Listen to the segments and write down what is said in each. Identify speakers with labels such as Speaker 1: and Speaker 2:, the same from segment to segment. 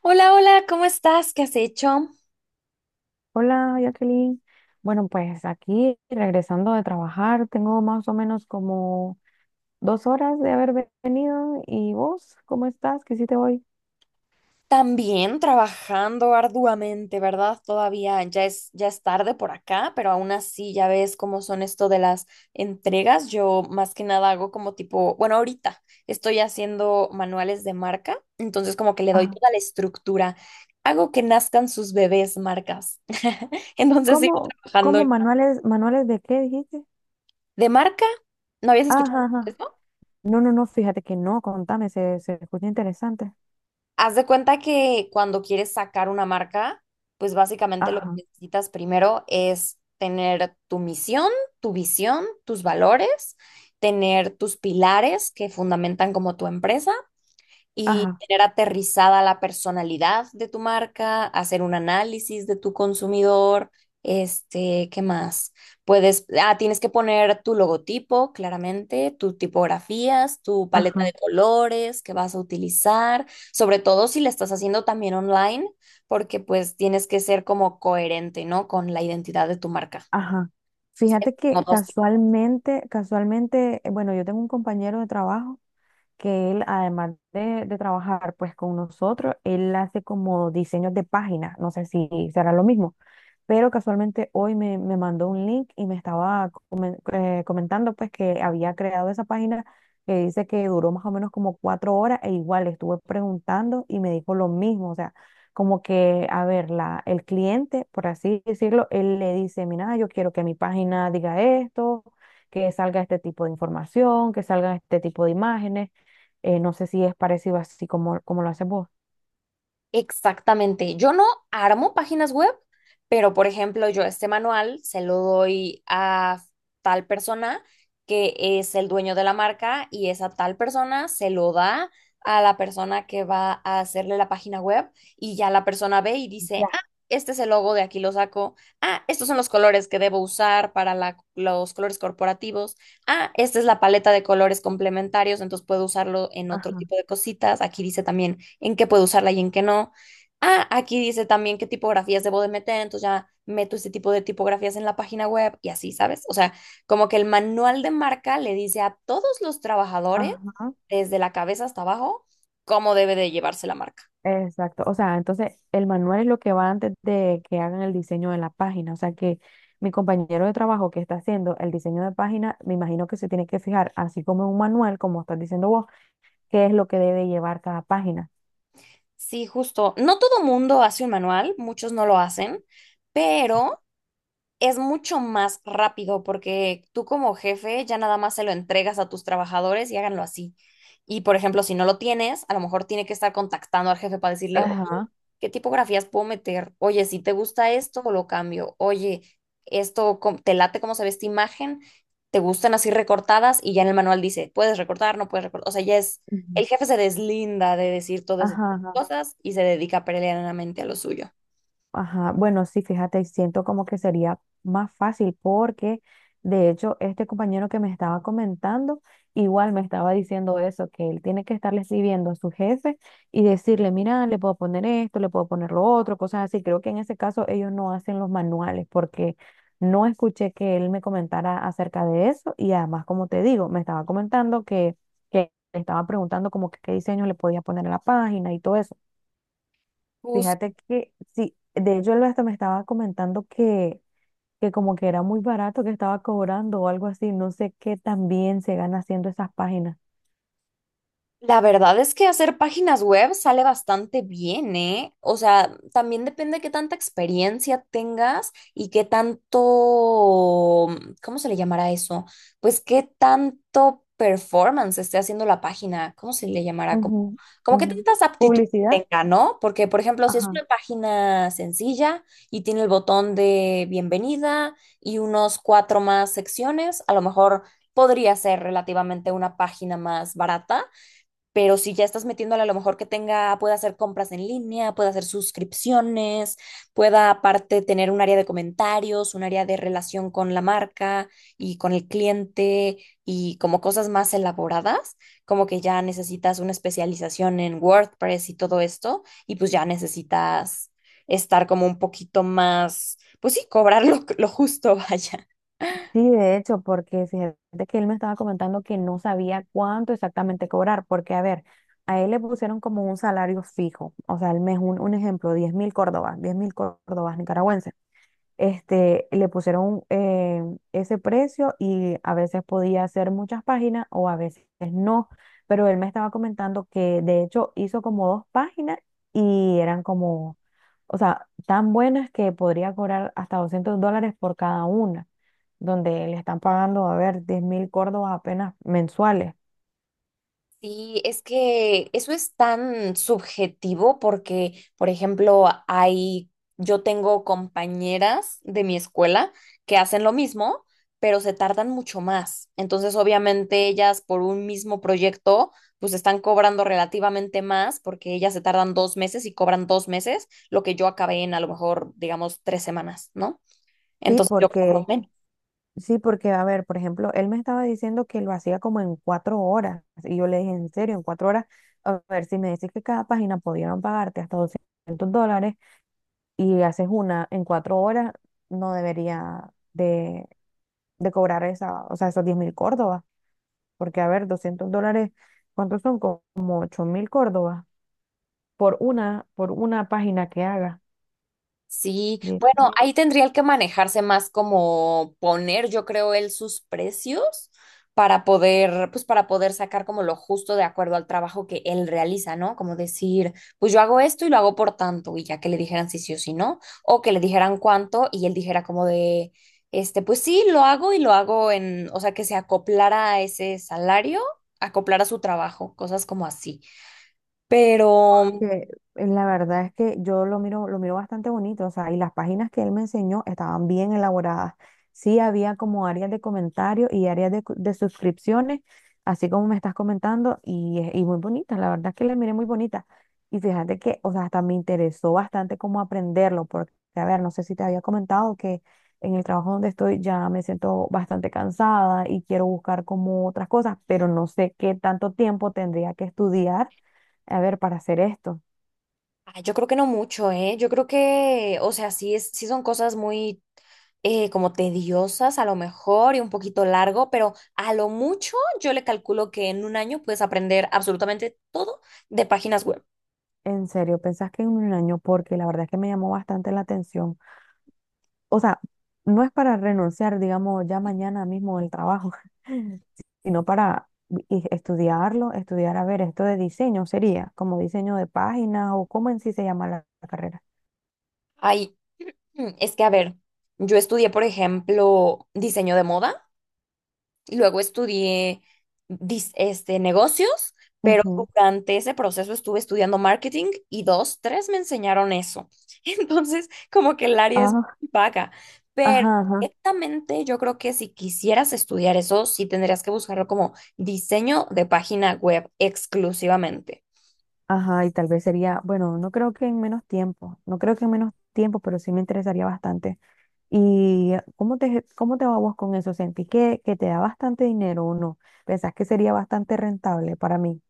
Speaker 1: Hola, hola, ¿cómo estás? ¿Qué has hecho?
Speaker 2: Hola, Jacqueline. Bueno, pues aquí regresando de trabajar, tengo más o menos como 2 horas de haber venido. ¿Y vos, cómo estás? ¿Qué hiciste hoy?
Speaker 1: También trabajando arduamente, ¿verdad? Todavía ya es tarde por acá, pero aún así ya ves cómo son esto de las entregas. Yo más que nada hago como tipo, bueno, ahorita estoy haciendo manuales de marca, entonces como que le doy
Speaker 2: Ajá.
Speaker 1: toda la estructura. Hago que nazcan sus bebés marcas. Entonces sigo
Speaker 2: ¿Cómo,
Speaker 1: trabajando
Speaker 2: cómo manuales de qué dijiste?
Speaker 1: de marca. ¿No habías escuchado
Speaker 2: Ajá, ajá.
Speaker 1: eso?
Speaker 2: No, no, no, fíjate que no, contame, se escucha interesante.
Speaker 1: Haz de cuenta que cuando quieres sacar una marca, pues básicamente lo que
Speaker 2: Ajá,
Speaker 1: necesitas primero es tener tu misión, tu visión, tus valores, tener tus pilares que fundamentan como tu empresa y
Speaker 2: ajá,
Speaker 1: tener aterrizada la personalidad de tu marca, hacer un análisis de tu consumidor, ¿qué más? Tienes que poner tu logotipo, claramente, tus tipografías, tu paleta
Speaker 2: ajá,
Speaker 1: de colores que vas a utilizar, sobre todo si la estás haciendo también online, porque pues tienes que ser como coherente, ¿no? Con la identidad de tu marca.
Speaker 2: ajá. Fíjate que
Speaker 1: No dos.
Speaker 2: casualmente, casualmente, bueno, yo tengo un compañero de trabajo que él, además de trabajar pues con nosotros, él hace como diseños de páginas, no sé si será lo mismo, pero casualmente hoy me mandó un link y me estaba comentando pues que había creado esa página que dice que duró más o menos como 4 horas e igual le estuve preguntando y me dijo lo mismo, o sea, como que, a ver, el cliente, por así decirlo, él le dice, mira, yo quiero que mi página diga esto, que salga este tipo de información, que salgan este tipo de imágenes, no sé si es parecido así como lo haces vos.
Speaker 1: Exactamente. Yo no armo páginas web, pero por ejemplo, yo este manual se lo doy a tal persona que es el dueño de la marca y esa tal persona se lo da a la persona que va a hacerle la página web y ya la persona ve y dice,
Speaker 2: Ya,
Speaker 1: ah, este es el logo, de aquí lo saco. Ah, estos son los colores que debo usar para los colores corporativos. Ah, esta es la paleta de colores complementarios, entonces puedo usarlo en otro
Speaker 2: ajá,
Speaker 1: tipo de cositas. Aquí dice también en qué puedo usarla y en qué no. Ah, aquí dice también qué tipografías debo de meter, entonces ya meto este tipo de tipografías en la página web y así, ¿sabes? O sea, como que el manual de marca le dice a todos los trabajadores,
Speaker 2: ajá.
Speaker 1: desde la cabeza hasta abajo, cómo debe de llevarse la marca.
Speaker 2: Exacto, o sea, entonces el manual es lo que va antes de que hagan el diseño de la página, o sea que mi compañero de trabajo que está haciendo el diseño de página, me imagino que se tiene que fijar, así como en un manual, como estás diciendo vos, qué es lo que debe llevar cada página.
Speaker 1: Sí, justo. No todo mundo hace un manual, muchos no lo hacen, pero es mucho más rápido porque tú como jefe ya nada más se lo entregas a tus trabajadores y háganlo así. Y por ejemplo, si no lo tienes, a lo mejor tiene que estar contactando al jefe para decirle, oye,
Speaker 2: Ajá,
Speaker 1: ¿qué tipografías puedo meter? Oye, si te gusta esto, lo cambio. Oye, te late cómo se ve esta imagen, te gustan así recortadas y ya en el manual dice, puedes recortar, no puedes recortar. O sea, ya es,
Speaker 2: ujú,
Speaker 1: el jefe se deslinda de decir todas esas
Speaker 2: ajá, ajá.
Speaker 1: cosas y se dedica plenamente a lo suyo.
Speaker 2: Ajá, bueno, sí, fíjate, siento como que sería más fácil porque de hecho este compañero que me estaba comentando igual me estaba diciendo eso, que él tiene que estarle escribiendo a su jefe y decirle, mira, le puedo poner esto, le puedo poner lo otro, cosas así. Creo que en ese caso ellos no hacen los manuales porque no escuché que él me comentara acerca de eso y además, como te digo, me estaba comentando que le estaba preguntando como que qué diseño le podía poner a la página y todo eso. Fíjate que sí, de hecho él hasta me estaba comentando que como que era muy barato que estaba cobrando o algo así, no sé qué también se gana haciendo esas páginas.
Speaker 1: La verdad es que hacer páginas web sale bastante bien, ¿eh? O sea, también depende de qué tanta experiencia tengas y qué tanto, ¿cómo se le llamará eso? Pues qué tanto performance esté haciendo la página, ¿cómo se le llamará? Como,
Speaker 2: Ujú,
Speaker 1: como qué
Speaker 2: ujú.
Speaker 1: tantas aptitudes
Speaker 2: Publicidad.
Speaker 1: tenga, ¿no? Porque, por ejemplo, si es
Speaker 2: Ajá.
Speaker 1: una página sencilla y tiene el botón de bienvenida y unos cuatro más secciones, a lo mejor podría ser relativamente una página más barata, pero si ya estás metiéndole a lo mejor que tenga, pueda hacer compras en línea, pueda hacer suscripciones, pueda aparte tener un área de comentarios, un área de relación con la marca y con el cliente y como cosas más elaboradas, como que ya necesitas una especialización en WordPress y todo esto, y pues ya necesitas estar como un poquito más, pues sí, cobrar lo justo, vaya.
Speaker 2: Sí, de hecho, porque fíjate que él me estaba comentando que no sabía cuánto exactamente cobrar, porque a ver, a él le pusieron como un salario fijo, o sea, al mes, un ejemplo, 10.000 córdobas, 10.000 córdobas nicaragüenses. Este, le pusieron ese precio y a veces podía hacer muchas páginas o a veces no, pero él me estaba comentando que de hecho hizo como dos páginas y eran como, o sea, tan buenas que podría cobrar hasta $200 por cada una, donde le están pagando, a ver, 10.000 córdobas apenas mensuales.
Speaker 1: Sí, es que eso es tan subjetivo porque, por ejemplo, hay, yo tengo compañeras de mi escuela que hacen lo mismo, pero se tardan mucho más. Entonces, obviamente, ellas por un mismo proyecto, pues están cobrando relativamente más porque ellas se tardan 2 meses y cobran 2 meses, lo que yo acabé en a lo mejor, digamos, 3 semanas, ¿no?
Speaker 2: Sí,
Speaker 1: Entonces, yo cobro
Speaker 2: porque
Speaker 1: menos.
Speaker 2: Sí, porque, a ver, por ejemplo, él me estaba diciendo que lo hacía como en 4 horas. Y yo le dije, en serio, en 4 horas, a ver, si me decís que cada página pudieron pagarte hasta $200 y haces una en 4 horas, no debería de cobrar esa, o sea, esos 10.000 córdobas. Porque, a ver, $200, ¿cuántos son? Como 8.000 córdobas por una página que haga.
Speaker 1: Sí, bueno, ahí tendría que manejarse más como poner, yo creo, él sus precios para poder, pues para poder sacar como lo justo de acuerdo al trabajo que él realiza, ¿no? Como decir, pues yo hago esto y lo hago por tanto, y ya que le dijeran si sí o si no, o que le dijeran cuánto y él dijera como de, pues sí, lo hago y lo hago en, o sea, que se acoplara a ese salario, acoplara su trabajo, cosas como así. Pero
Speaker 2: Que La verdad es que yo lo miro bastante bonito, o sea, y las páginas que él me enseñó estaban bien elaboradas. Sí había como áreas de comentarios y áreas de suscripciones, así como me estás comentando, y muy bonitas, la verdad es que las miré muy bonitas. Y fíjate que, o sea, hasta me interesó bastante cómo aprenderlo, porque, a ver, no sé si te había comentado que en el trabajo donde estoy ya me siento bastante cansada y quiero buscar como otras cosas, pero no sé qué tanto tiempo tendría que estudiar, a ver, para hacer esto.
Speaker 1: ah, yo creo que no mucho, ¿eh? Yo creo que, o sea, sí, es, sí son cosas muy como tediosas a lo mejor y un poquito largo, pero a lo mucho yo le calculo que en un año puedes aprender absolutamente todo de páginas web.
Speaker 2: En serio, ¿pensás que en un año? Porque la verdad es que me llamó bastante la atención. O sea, no es para renunciar, digamos, ya mañana mismo del trabajo, sino para estudiarlo, estudiar, a ver, esto de diseño sería, como diseño de páginas o cómo en sí se llama la carrera.
Speaker 1: Ay, es que a ver, yo estudié, por ejemplo, diseño de moda. Luego estudié negocios, pero
Speaker 2: Ujú.
Speaker 1: durante ese proceso estuve estudiando marketing y dos, tres me enseñaron eso. Entonces, como que el área es
Speaker 2: Ah,
Speaker 1: muy vaga, pero
Speaker 2: ajá, ajá,
Speaker 1: directamente yo creo que si quisieras estudiar eso, sí tendrías que buscarlo como diseño de página web exclusivamente.
Speaker 2: ajá, y tal vez sería, bueno, no creo que en menos tiempo, no creo que en menos tiempo, pero sí me interesaría bastante. ¿Y cómo te va vos con eso? ¿Sentí que te da bastante dinero o no? ¿Pensás que sería bastante rentable para mí?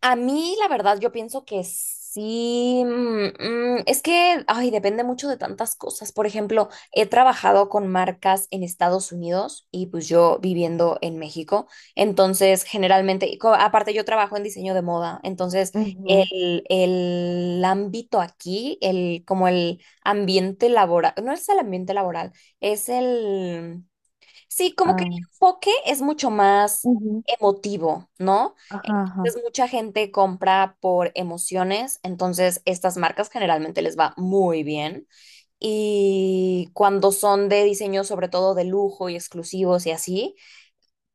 Speaker 1: A mí, la verdad, yo pienso que sí. Es que, ay, depende mucho de tantas cosas. Por ejemplo, he trabajado con marcas en Estados Unidos y pues yo viviendo en México. Entonces, generalmente, y aparte yo trabajo en diseño de moda. Entonces,
Speaker 2: Ujú,
Speaker 1: el ámbito aquí, como el ambiente laboral, no es el ambiente laboral, es el... Sí, como que el
Speaker 2: ah,
Speaker 1: enfoque es mucho más
Speaker 2: ujú,
Speaker 1: emotivo, ¿no?
Speaker 2: ajá, ajá,
Speaker 1: Entonces mucha gente compra por emociones, entonces estas marcas generalmente les va muy bien. Y cuando son de diseño, sobre todo de lujo y exclusivos y así,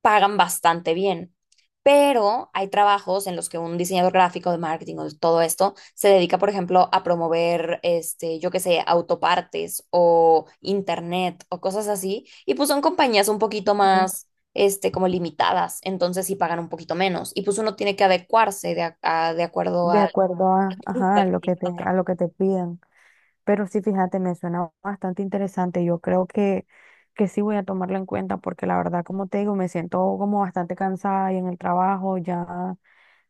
Speaker 1: pagan bastante bien. Pero hay trabajos en los que un diseñador gráfico de marketing o de todo esto se dedica, por ejemplo, a promover, yo qué sé, autopartes o internet o cosas así. Y pues son compañías un poquito
Speaker 2: ujú.
Speaker 1: más, como limitadas. Entonces sí pagan un poquito menos. Y pues uno tiene que adecuarse de, de acuerdo
Speaker 2: De
Speaker 1: al
Speaker 2: acuerdo a,
Speaker 1: grupo
Speaker 2: ajá,
Speaker 1: al
Speaker 2: a lo
Speaker 1: que
Speaker 2: que te,
Speaker 1: está
Speaker 2: a
Speaker 1: trabajando.
Speaker 2: lo que te pidan. Pero sí, fíjate, me suena bastante interesante. Yo creo que sí voy a tomarlo en cuenta porque la verdad, como te digo, me siento como bastante cansada y en el trabajo ya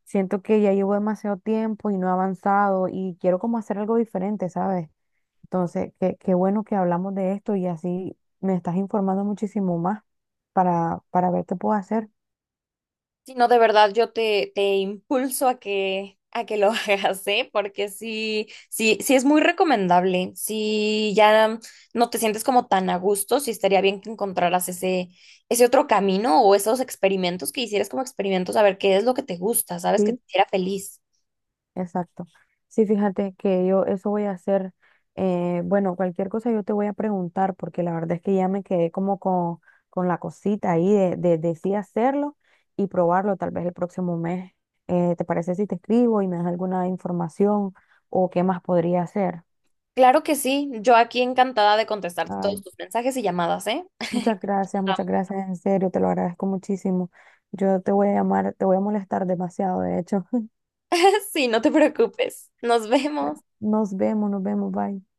Speaker 2: siento que ya llevo demasiado tiempo y no he avanzado y quiero como hacer algo diferente, ¿sabes? Entonces, qué bueno que hablamos de esto y así me estás informando muchísimo más para ver qué puedo hacer.
Speaker 1: Si no, de verdad, yo te impulso a que lo hagas, ¿eh? Porque sí, sí, sí es muy recomendable. Si ya no te sientes como tan a gusto, sí estaría bien que encontraras ese otro camino o esos experimentos que hicieras como experimentos a ver qué es lo que te gusta, ¿sabes? Que te
Speaker 2: Sí,
Speaker 1: hiciera feliz.
Speaker 2: exacto. Sí, fíjate que yo eso voy a hacer. Bueno, cualquier cosa yo te voy a preguntar porque la verdad es que ya me quedé como con la cosita ahí de sí hacerlo y probarlo tal vez el próximo mes. ¿Te parece si te escribo y me das alguna información o qué más podría hacer?
Speaker 1: Claro que sí, yo aquí encantada de contestarte todos
Speaker 2: Ay,
Speaker 1: tus mensajes y llamadas, ¿eh?
Speaker 2: muchas gracias, muchas gracias, en serio, te lo agradezco muchísimo. Yo te voy a llamar, te voy a molestar demasiado, de hecho.
Speaker 1: Sí, no te preocupes. Nos vemos.
Speaker 2: Nos vemos, bye.